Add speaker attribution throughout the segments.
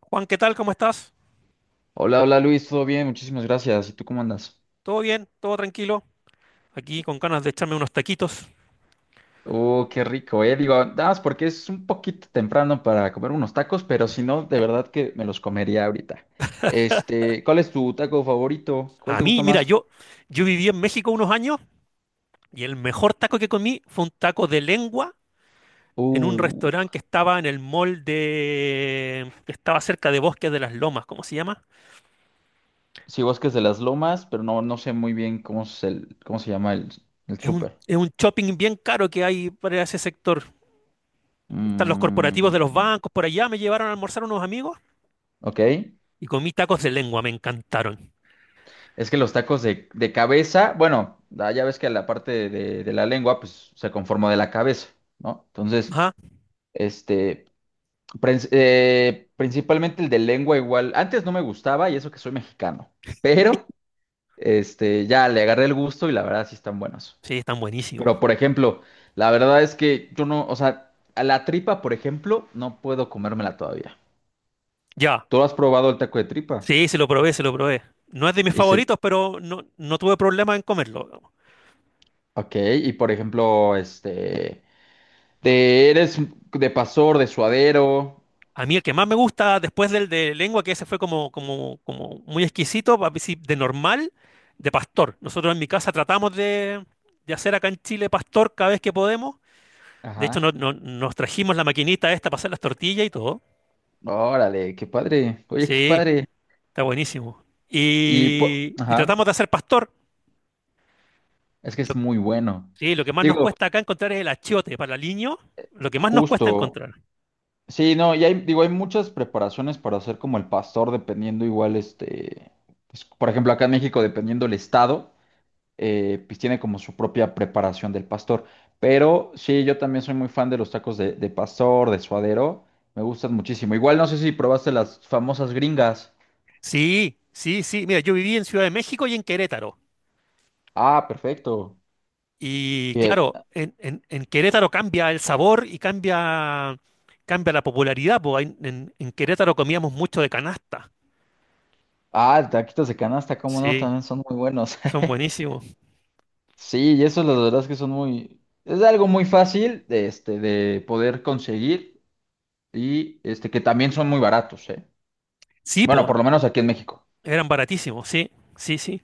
Speaker 1: Juan, ¿qué tal? ¿Cómo estás?
Speaker 2: Hola, hola Luis, todo bien, muchísimas gracias. ¿Y tú cómo andas?
Speaker 1: ¿Todo bien? ¿Todo tranquilo? Aquí con ganas de echarme unos taquitos.
Speaker 2: Oh, qué rico, eh. Digo, nada más porque es un poquito temprano para comer unos tacos, pero si no, de verdad que me los comería ahorita. Este, ¿cuál es tu taco favorito? ¿Cuál
Speaker 1: A
Speaker 2: te
Speaker 1: mí,
Speaker 2: gusta
Speaker 1: mira,
Speaker 2: más?
Speaker 1: yo viví en México unos años y el mejor taco que comí fue un taco de lengua en un
Speaker 2: Uh,
Speaker 1: restaurante que estaba en el mall de... que estaba cerca de Bosques de las Lomas, ¿cómo se llama?
Speaker 2: sí, Bosques de las Lomas, pero no, no sé muy bien cómo es cómo se llama el
Speaker 1: Es un,
Speaker 2: súper.
Speaker 1: es un shopping bien caro que hay para ese sector. Están los
Speaker 2: Mm,
Speaker 1: corporativos de los bancos, por allá me llevaron a almorzar unos amigos
Speaker 2: ok.
Speaker 1: y comí tacos de lengua, me encantaron.
Speaker 2: Es que los tacos de cabeza, bueno, ya ves que la parte de la lengua, pues se conforma de la cabeza, ¿no? Entonces.
Speaker 1: Ajá,
Speaker 2: Este, principalmente el de lengua igual. Antes no me gustaba y eso que soy mexicano, pero este, ya le agarré el gusto y la verdad sí están buenos.
Speaker 1: sí, están buenísimos.
Speaker 2: Pero por ejemplo, la verdad es que yo no, o sea, a la tripa, por ejemplo, no puedo comérmela todavía.
Speaker 1: Ya,
Speaker 2: ¿Tú has probado el taco de tripa?
Speaker 1: sí, se lo probé, se lo probé. No es de mis
Speaker 2: Y se,
Speaker 1: favoritos, pero no, no tuve problema en comerlo.
Speaker 2: ok, y por ejemplo, este, de, eres de pastor, de suadero.
Speaker 1: A mí el que más me gusta después del de lengua, que ese fue como, como muy exquisito, sí, de normal, de pastor. Nosotros en mi casa tratamos de hacer acá en Chile pastor cada vez que podemos. De hecho,
Speaker 2: Ajá.
Speaker 1: nos trajimos la maquinita esta para hacer las tortillas y todo.
Speaker 2: Órale, qué padre. Oye, qué
Speaker 1: Sí,
Speaker 2: padre.
Speaker 1: está buenísimo.
Speaker 2: Y,
Speaker 1: Y
Speaker 2: ajá,
Speaker 1: tratamos de hacer pastor.
Speaker 2: es que es
Speaker 1: Lo-
Speaker 2: muy bueno.
Speaker 1: sí, lo que más nos
Speaker 2: Digo,
Speaker 1: cuesta acá encontrar es el achiote para el aliño. Lo que más nos cuesta
Speaker 2: justo.
Speaker 1: encontrar.
Speaker 2: Sí, no, y hay, digo, hay muchas preparaciones para hacer como el pastor, dependiendo igual, este, pues, por ejemplo, acá en México, dependiendo el estado, pues tiene como su propia preparación del pastor. Pero sí, yo también soy muy fan de los tacos de pastor, de suadero, me gustan muchísimo. Igual no sé si probaste las famosas gringas.
Speaker 1: Sí, sí, sí. Mira, yo viví en Ciudad de México y en Querétaro.
Speaker 2: Ah, perfecto.
Speaker 1: Y
Speaker 2: Eh,
Speaker 1: claro, en Querétaro cambia el sabor y cambia, cambia la popularidad. Po. En Querétaro comíamos mucho de canasta.
Speaker 2: ah, taquitos de canasta, cómo no,
Speaker 1: Sí,
Speaker 2: también son muy buenos.
Speaker 1: son buenísimos.
Speaker 2: Sí, y eso la verdad es que son muy, es algo muy fácil de, este, de poder conseguir y este, que también son muy baratos, ¿eh?
Speaker 1: Sí,
Speaker 2: Bueno,
Speaker 1: po,
Speaker 2: por lo menos aquí en México.
Speaker 1: eran baratísimos, sí, sí, sí.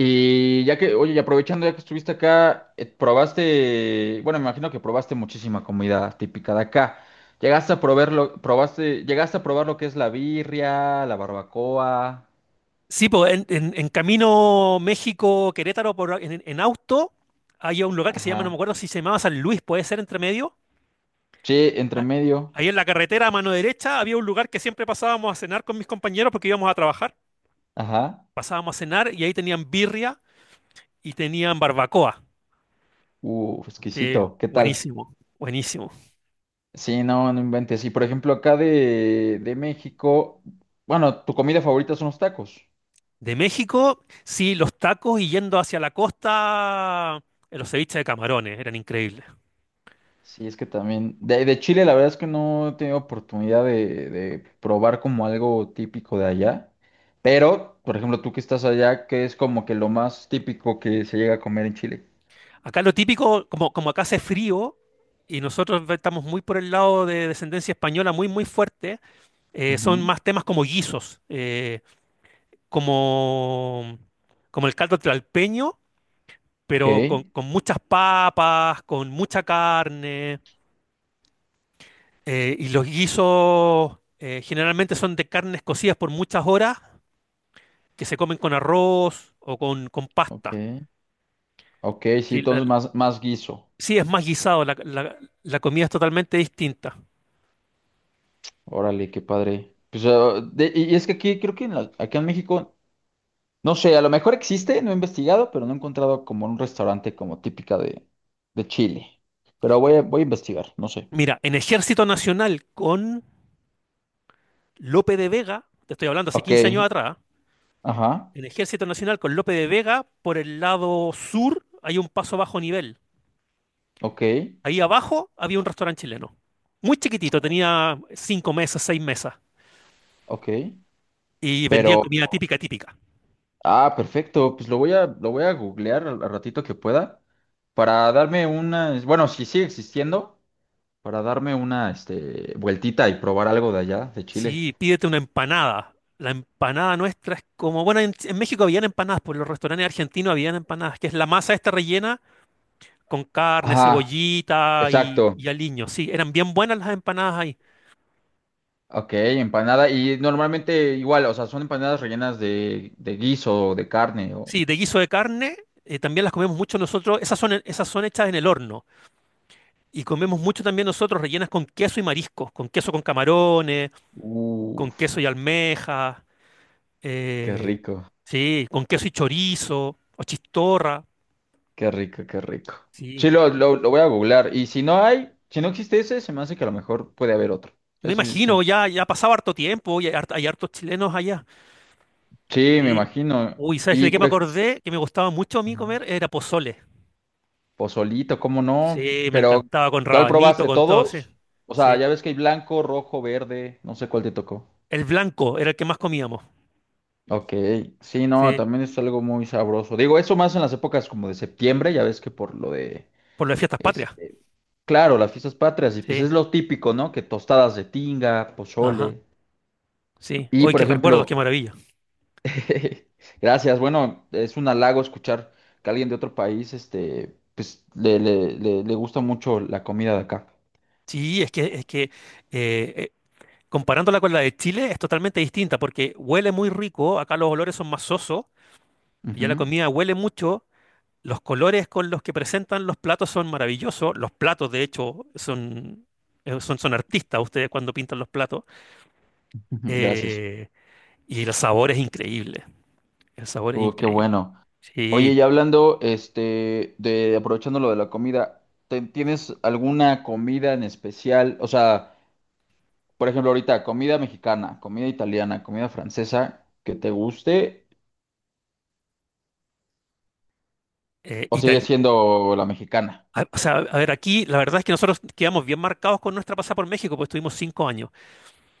Speaker 2: Y ya que, oye, y aprovechando ya que estuviste acá, probaste, bueno, me imagino que probaste muchísima comida típica de acá. Llegaste a probar lo, probaste, llegaste a probar lo que es la birria, la barbacoa,
Speaker 1: Sí, pues en camino México-Querétaro por, en auto hay un lugar que se llama, no me
Speaker 2: ajá.
Speaker 1: acuerdo si se llamaba San Luis, puede ser entre medio,
Speaker 2: Che, entre
Speaker 1: a-
Speaker 2: medio,
Speaker 1: ahí en la carretera a mano derecha había un lugar que siempre pasábamos a cenar con mis compañeros porque íbamos a trabajar.
Speaker 2: ajá.
Speaker 1: Pasábamos a cenar y ahí tenían birria y tenían barbacoa. Sí,
Speaker 2: Exquisito, ¿qué tal?
Speaker 1: buenísimo, buenísimo.
Speaker 2: Sí, no, no inventes. Y por ejemplo, acá de México, bueno, tu comida favorita son los tacos.
Speaker 1: De México, sí, los tacos y yendo hacia la costa, los ceviches de camarones eran increíbles.
Speaker 2: Sí, es que también. De Chile, la verdad es que no he tenido oportunidad de probar como algo típico de allá. Pero, por ejemplo, tú que estás allá, ¿qué es como que lo más típico que se llega a comer en Chile?
Speaker 1: Acá lo típico, como, como acá hace frío y nosotros estamos muy por el lado de descendencia española, muy, muy fuerte, son
Speaker 2: Ujú.
Speaker 1: más temas como guisos. Como, como el caldo tlalpeño,
Speaker 2: Ok,
Speaker 1: pero con muchas papas, con mucha carne. Y los guisos generalmente son de carnes cocidas por muchas horas que se comen con arroz o con pasta.
Speaker 2: ok, ok, sí,
Speaker 1: Sí,
Speaker 2: entonces más, más guiso.
Speaker 1: sí, es más guisado, la comida es totalmente distinta.
Speaker 2: Órale, qué padre. Pues, ah, y es que aquí, creo que en acá en México. No sé, a lo mejor existe, no he investigado, pero no he encontrado como un restaurante como típica de Chile. Pero voy a, voy a investigar, no sé.
Speaker 1: Mira, en Ejército Nacional con Lope de Vega, te estoy hablando hace
Speaker 2: Ok,
Speaker 1: 15 años atrás,
Speaker 2: ajá,
Speaker 1: en Ejército Nacional con Lope de Vega, por el lado sur hay un paso bajo nivel.
Speaker 2: ok,
Speaker 1: Ahí abajo había un restaurante chileno. Muy chiquitito, tenía cinco mesas, seis mesas.
Speaker 2: ok.
Speaker 1: Y vendían
Speaker 2: Pero,
Speaker 1: comida típica, típica.
Speaker 2: ah, perfecto, pues lo voy a googlear al al ratito que pueda para darme una, bueno, si sigue existiendo, para darme una, este, vueltita y probar algo de allá, de Chile.
Speaker 1: Sí, pídete una empanada. La empanada nuestra es como, bueno, en México habían empanadas, por los restaurantes argentinos habían empanadas, que es la masa esta rellena con carne,
Speaker 2: Ajá,
Speaker 1: cebollita y,
Speaker 2: exacto.
Speaker 1: y aliño. Sí, eran bien buenas las empanadas ahí.
Speaker 2: Ok, empanada. Y normalmente igual, o sea, son empanadas rellenas de guiso, de carne. O...
Speaker 1: Sí, de guiso de carne, también las comemos mucho nosotros. Esas son hechas en el horno. Y comemos mucho también nosotros rellenas con queso y mariscos, con queso con camarones, con
Speaker 2: Uf,
Speaker 1: queso y almeja,
Speaker 2: qué
Speaker 1: eh,
Speaker 2: rico,
Speaker 1: sí, con queso y chorizo, o chistorra,
Speaker 2: qué rico, qué rico.
Speaker 1: sí.
Speaker 2: Sí, lo voy a googlear. Y si no hay, si no existe ese, se me hace que a lo mejor puede haber otro.
Speaker 1: Me
Speaker 2: Eso sí, sí.
Speaker 1: imagino, ya, ya ha pasado harto tiempo y hay, hay hartos chilenos allá.
Speaker 2: Sí, me
Speaker 1: Sí.
Speaker 2: imagino.
Speaker 1: Uy, ¿sabes de
Speaker 2: Y
Speaker 1: qué me
Speaker 2: por ej-
Speaker 1: acordé? Que me gustaba mucho a mí
Speaker 2: Ajá.
Speaker 1: comer, era pozole.
Speaker 2: Pozolito, ¿cómo no?
Speaker 1: Sí, me
Speaker 2: Pero,
Speaker 1: encantaba con
Speaker 2: ¿cuál
Speaker 1: rabanito,
Speaker 2: probaste?
Speaker 1: con todo, sí.
Speaker 2: ¿Todos? O sea,
Speaker 1: Sí.
Speaker 2: ya ves que hay blanco, rojo, verde, no sé cuál te tocó.
Speaker 1: El blanco era el que más comíamos.
Speaker 2: Ok, sí, no,
Speaker 1: Sí.
Speaker 2: también es algo muy sabroso. Digo, eso más en las épocas como de septiembre, ya ves que por lo de,
Speaker 1: Por las fiestas patrias.
Speaker 2: este, claro, las fiestas patrias, y pues
Speaker 1: Sí.
Speaker 2: es lo típico, ¿no? Que tostadas de tinga,
Speaker 1: Ajá.
Speaker 2: pozole.
Speaker 1: Sí.
Speaker 2: Y
Speaker 1: Hoy
Speaker 2: por
Speaker 1: qué recuerdos, qué
Speaker 2: ejemplo,
Speaker 1: maravilla.
Speaker 2: gracias, bueno, es un halago escuchar que alguien de otro país, este, pues le gusta mucho la comida de acá.
Speaker 1: Sí, es que eh, eh, comparándola con la de Chile es totalmente distinta porque huele muy rico, acá los olores son más sosos, ya la
Speaker 2: Ujú,
Speaker 1: comida huele mucho, los colores con los que presentan los platos son maravillosos, los platos de hecho son, son artistas ustedes cuando pintan los platos,
Speaker 2: ujú, gracias.
Speaker 1: eh, y el sabor es increíble, el sabor es
Speaker 2: Qué
Speaker 1: increíble.
Speaker 2: bueno. Oye,
Speaker 1: Sí,
Speaker 2: y hablando, este, de aprovechando lo de la comida, ¿tienes alguna comida en especial? O sea, por ejemplo, ahorita, comida mexicana, comida italiana, comida francesa, que te guste,
Speaker 1: eh,
Speaker 2: o sigue
Speaker 1: Itali-
Speaker 2: siendo la mexicana.
Speaker 1: o sea, a ver, aquí la verdad es que nosotros quedamos bien marcados con nuestra pasada por México, pues estuvimos 5 años.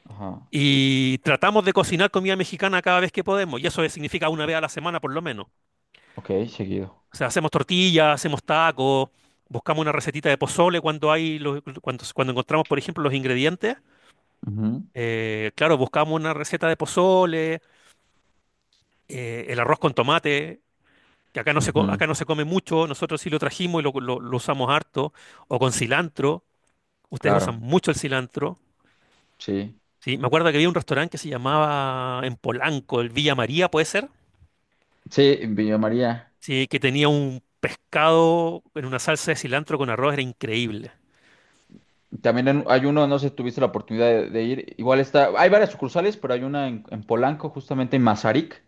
Speaker 2: Ajá.
Speaker 1: Y tratamos de cocinar comida mexicana cada vez que podemos, y eso significa una vez a la semana por lo menos.
Speaker 2: Ok, seguido.
Speaker 1: O sea, hacemos tortillas, hacemos tacos, buscamos una recetita de pozole cuando hay cuando, cuando encontramos, por ejemplo, los ingredientes.
Speaker 2: Ujú,
Speaker 1: Claro, buscamos una receta de pozole, el arroz con tomate, que acá no se,
Speaker 2: ujú,
Speaker 1: acá no se come mucho, nosotros sí lo trajimos y lo usamos harto, o con cilantro. Ustedes usan
Speaker 2: claro,
Speaker 1: mucho el cilantro.
Speaker 2: sí.
Speaker 1: Sí, me acuerdo que había un restaurante que se llamaba en Polanco, el Villa María, ¿puede ser?
Speaker 2: Sí, en Villa María.
Speaker 1: Sí, que tenía un pescado en una salsa de cilantro con arroz, era increíble.
Speaker 2: Hay uno, no sé si tuviste la oportunidad de ir. Igual está, hay varias sucursales, pero hay una en Polanco, justamente en Mazarik,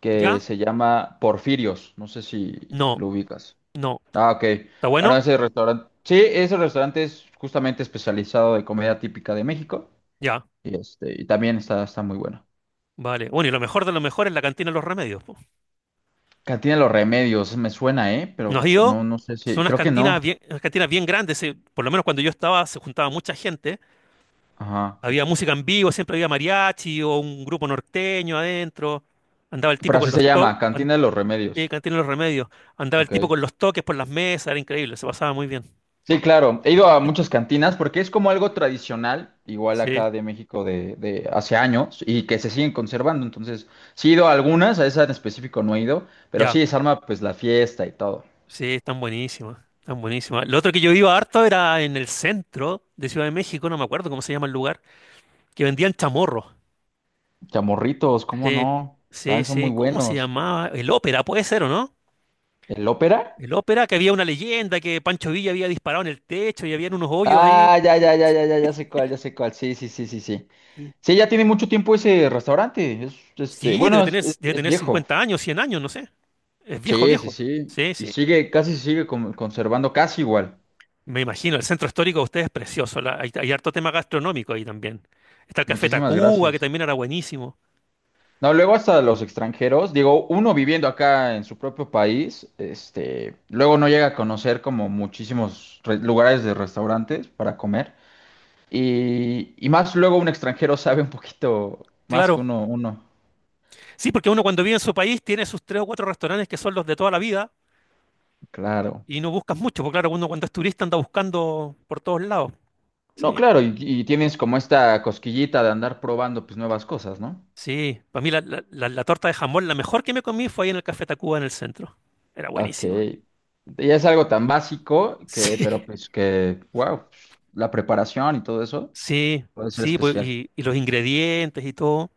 Speaker 2: que
Speaker 1: ¿Ya?
Speaker 2: se llama Porfirios. No sé si
Speaker 1: No,
Speaker 2: lo ubicas.
Speaker 1: no.
Speaker 2: Ah, ok.
Speaker 1: ¿Está
Speaker 2: Bueno,
Speaker 1: bueno?
Speaker 2: ese restaurante. Sí, ese restaurante es justamente especializado de comida típica de México.
Speaker 1: Ya,
Speaker 2: Y este, y también está, está muy bueno.
Speaker 1: vale. Bueno, y lo mejor de lo mejor es la Cantina de los Remedios. Po.
Speaker 2: Cantina de los Remedios, me suena, ¿eh? Pero
Speaker 1: Nos dio,
Speaker 2: no, no sé
Speaker 1: son
Speaker 2: si. Creo que no.
Speaker 1: unas cantinas bien grandes, por lo menos cuando yo estaba se juntaba mucha gente,
Speaker 2: Ajá.
Speaker 1: había música en vivo, siempre había mariachi o un grupo norteño adentro, andaba el
Speaker 2: Pero
Speaker 1: tipo
Speaker 2: así
Speaker 1: con los
Speaker 2: se llama,
Speaker 1: toques,
Speaker 2: Cantina de los Remedios.
Speaker 1: Cantina de los Remedios, andaba el
Speaker 2: Ok.
Speaker 1: tipo con los toques por las mesas, era increíble, se pasaba muy bien.
Speaker 2: Sí, claro. He ido a muchas cantinas porque es como algo tradicional, igual
Speaker 1: Sí,
Speaker 2: acá de México de hace años y que se siguen conservando. Entonces, sí he ido a algunas, a esa en específico no he ido, pero
Speaker 1: ya.
Speaker 2: sí se pues la fiesta y todo.
Speaker 1: Sí, están buenísimas, están buenísimas. Lo otro que yo iba harto era en el centro de Ciudad de México, no me acuerdo cómo se llama el lugar, que vendían chamorros.
Speaker 2: Chamorritos, ¿cómo
Speaker 1: Sí,
Speaker 2: no?
Speaker 1: sí,
Speaker 2: También son
Speaker 1: sí.
Speaker 2: muy
Speaker 1: ¿Cómo se
Speaker 2: buenos.
Speaker 1: llamaba? El Ópera, puede ser, ¿o no?
Speaker 2: ¿El Ópera?
Speaker 1: El Ópera, que había una leyenda que Pancho Villa había disparado en el techo y habían unos hoyos ahí.
Speaker 2: Ah, ya, ya, ya, ya, ya, ya sé cuál, ya sé cuál. Sí, sí, sí, sí, sí. Sí, ya tiene mucho tiempo ese restaurante. Es, este,
Speaker 1: Sí, debe
Speaker 2: bueno, es,
Speaker 1: tener, debe
Speaker 2: es
Speaker 1: tener
Speaker 2: viejo.
Speaker 1: 50 años, 100 años, no sé. Es viejo,
Speaker 2: Sí, sí,
Speaker 1: viejo.
Speaker 2: sí.
Speaker 1: Sí,
Speaker 2: Y
Speaker 1: sí.
Speaker 2: sigue, casi sigue conservando casi igual.
Speaker 1: Me imagino, el centro histórico de ustedes es precioso. Hay, hay harto tema gastronómico ahí también. Está el Café
Speaker 2: Muchísimas
Speaker 1: Tacuba, que
Speaker 2: gracias.
Speaker 1: también era buenísimo.
Speaker 2: No, luego hasta los extranjeros, digo, uno viviendo acá en su propio país, este, luego no llega a conocer como muchísimos lugares de restaurantes para comer. Y más luego un extranjero sabe un poquito más que
Speaker 1: Claro.
Speaker 2: uno, uno,
Speaker 1: Sí, porque uno cuando vive en su país tiene sus tres o cuatro restaurantes que son los de toda la vida
Speaker 2: claro.
Speaker 1: y no buscas mucho, porque claro, uno cuando es turista anda buscando por todos lados.
Speaker 2: No,
Speaker 1: Sí,
Speaker 2: claro, y tienes como esta cosquillita de andar probando pues nuevas cosas, ¿no?
Speaker 1: sí. Para mí la torta de jamón, la mejor que me comí fue ahí en el Café Tacuba en el centro. Era
Speaker 2: Ok.
Speaker 1: buenísima.
Speaker 2: Y es algo tan básico que,
Speaker 1: Sí,
Speaker 2: pero pues que, wow, la preparación y todo eso
Speaker 1: sí,
Speaker 2: puede ser
Speaker 1: sí, pues,
Speaker 2: especial.
Speaker 1: y los ingredientes y todo.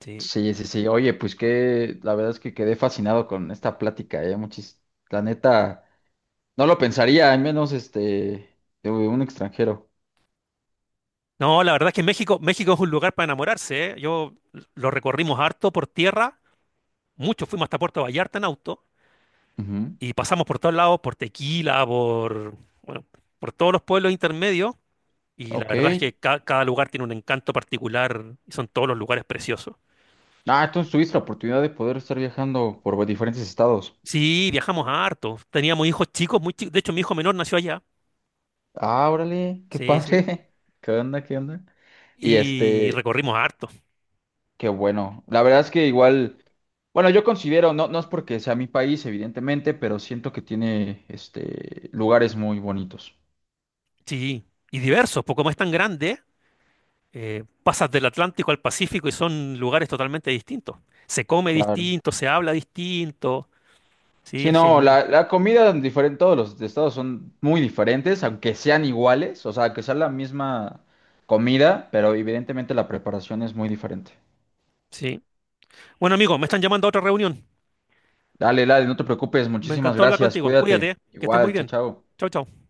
Speaker 1: Sí.
Speaker 2: Sí, sí, sí. Oye, pues que la verdad es que quedé fascinado con esta plática, ¿eh? Muchis, la neta, no lo pensaría, al menos este, de un extranjero.
Speaker 1: No, la verdad es que México, México es un lugar para enamorarse, ¿eh? Yo lo recorrimos harto por tierra, mucho fuimos hasta Puerto Vallarta en auto.
Speaker 2: Ujú.
Speaker 1: Y pasamos por todos lados, por Tequila, por, bueno, por todos los pueblos intermedios. Y la
Speaker 2: Ok.
Speaker 1: verdad es que cada lugar tiene un encanto particular y son todos los lugares preciosos.
Speaker 2: Ah, entonces tuviste la oportunidad de poder estar viajando por diferentes estados.
Speaker 1: Sí, viajamos harto. Teníamos hijos chicos, muy chicos. De hecho, mi hijo menor nació allá.
Speaker 2: Ah, órale, qué
Speaker 1: Sí, sí.
Speaker 2: padre. ¿Qué onda, qué onda? Y
Speaker 1: Y
Speaker 2: este,
Speaker 1: recorrimos harto.
Speaker 2: qué bueno. La verdad es que igual, bueno, yo considero, no, no es porque sea mi país, evidentemente, pero siento que tiene, este, lugares muy bonitos.
Speaker 1: Sí. Y diversos, porque como es tan grande, pasas del Atlántico al Pacífico y son lugares totalmente distintos. Se come
Speaker 2: Claro.
Speaker 1: distinto, se habla distinto. Sí,
Speaker 2: Sí,
Speaker 1: es
Speaker 2: no,
Speaker 1: genial.
Speaker 2: la comida en todos los estados son muy diferentes, aunque sean iguales, o sea, que sea la misma comida, pero evidentemente la preparación es muy diferente.
Speaker 1: Sí. Bueno, amigo, me están llamando a otra reunión.
Speaker 2: Dale, dale, no te preocupes,
Speaker 1: Me
Speaker 2: muchísimas
Speaker 1: encantó hablar
Speaker 2: gracias,
Speaker 1: contigo. Cuídate,
Speaker 2: cuídate.
Speaker 1: ¿eh? Que estés muy
Speaker 2: Igual, chao,
Speaker 1: bien.
Speaker 2: chao.
Speaker 1: Chau, chau.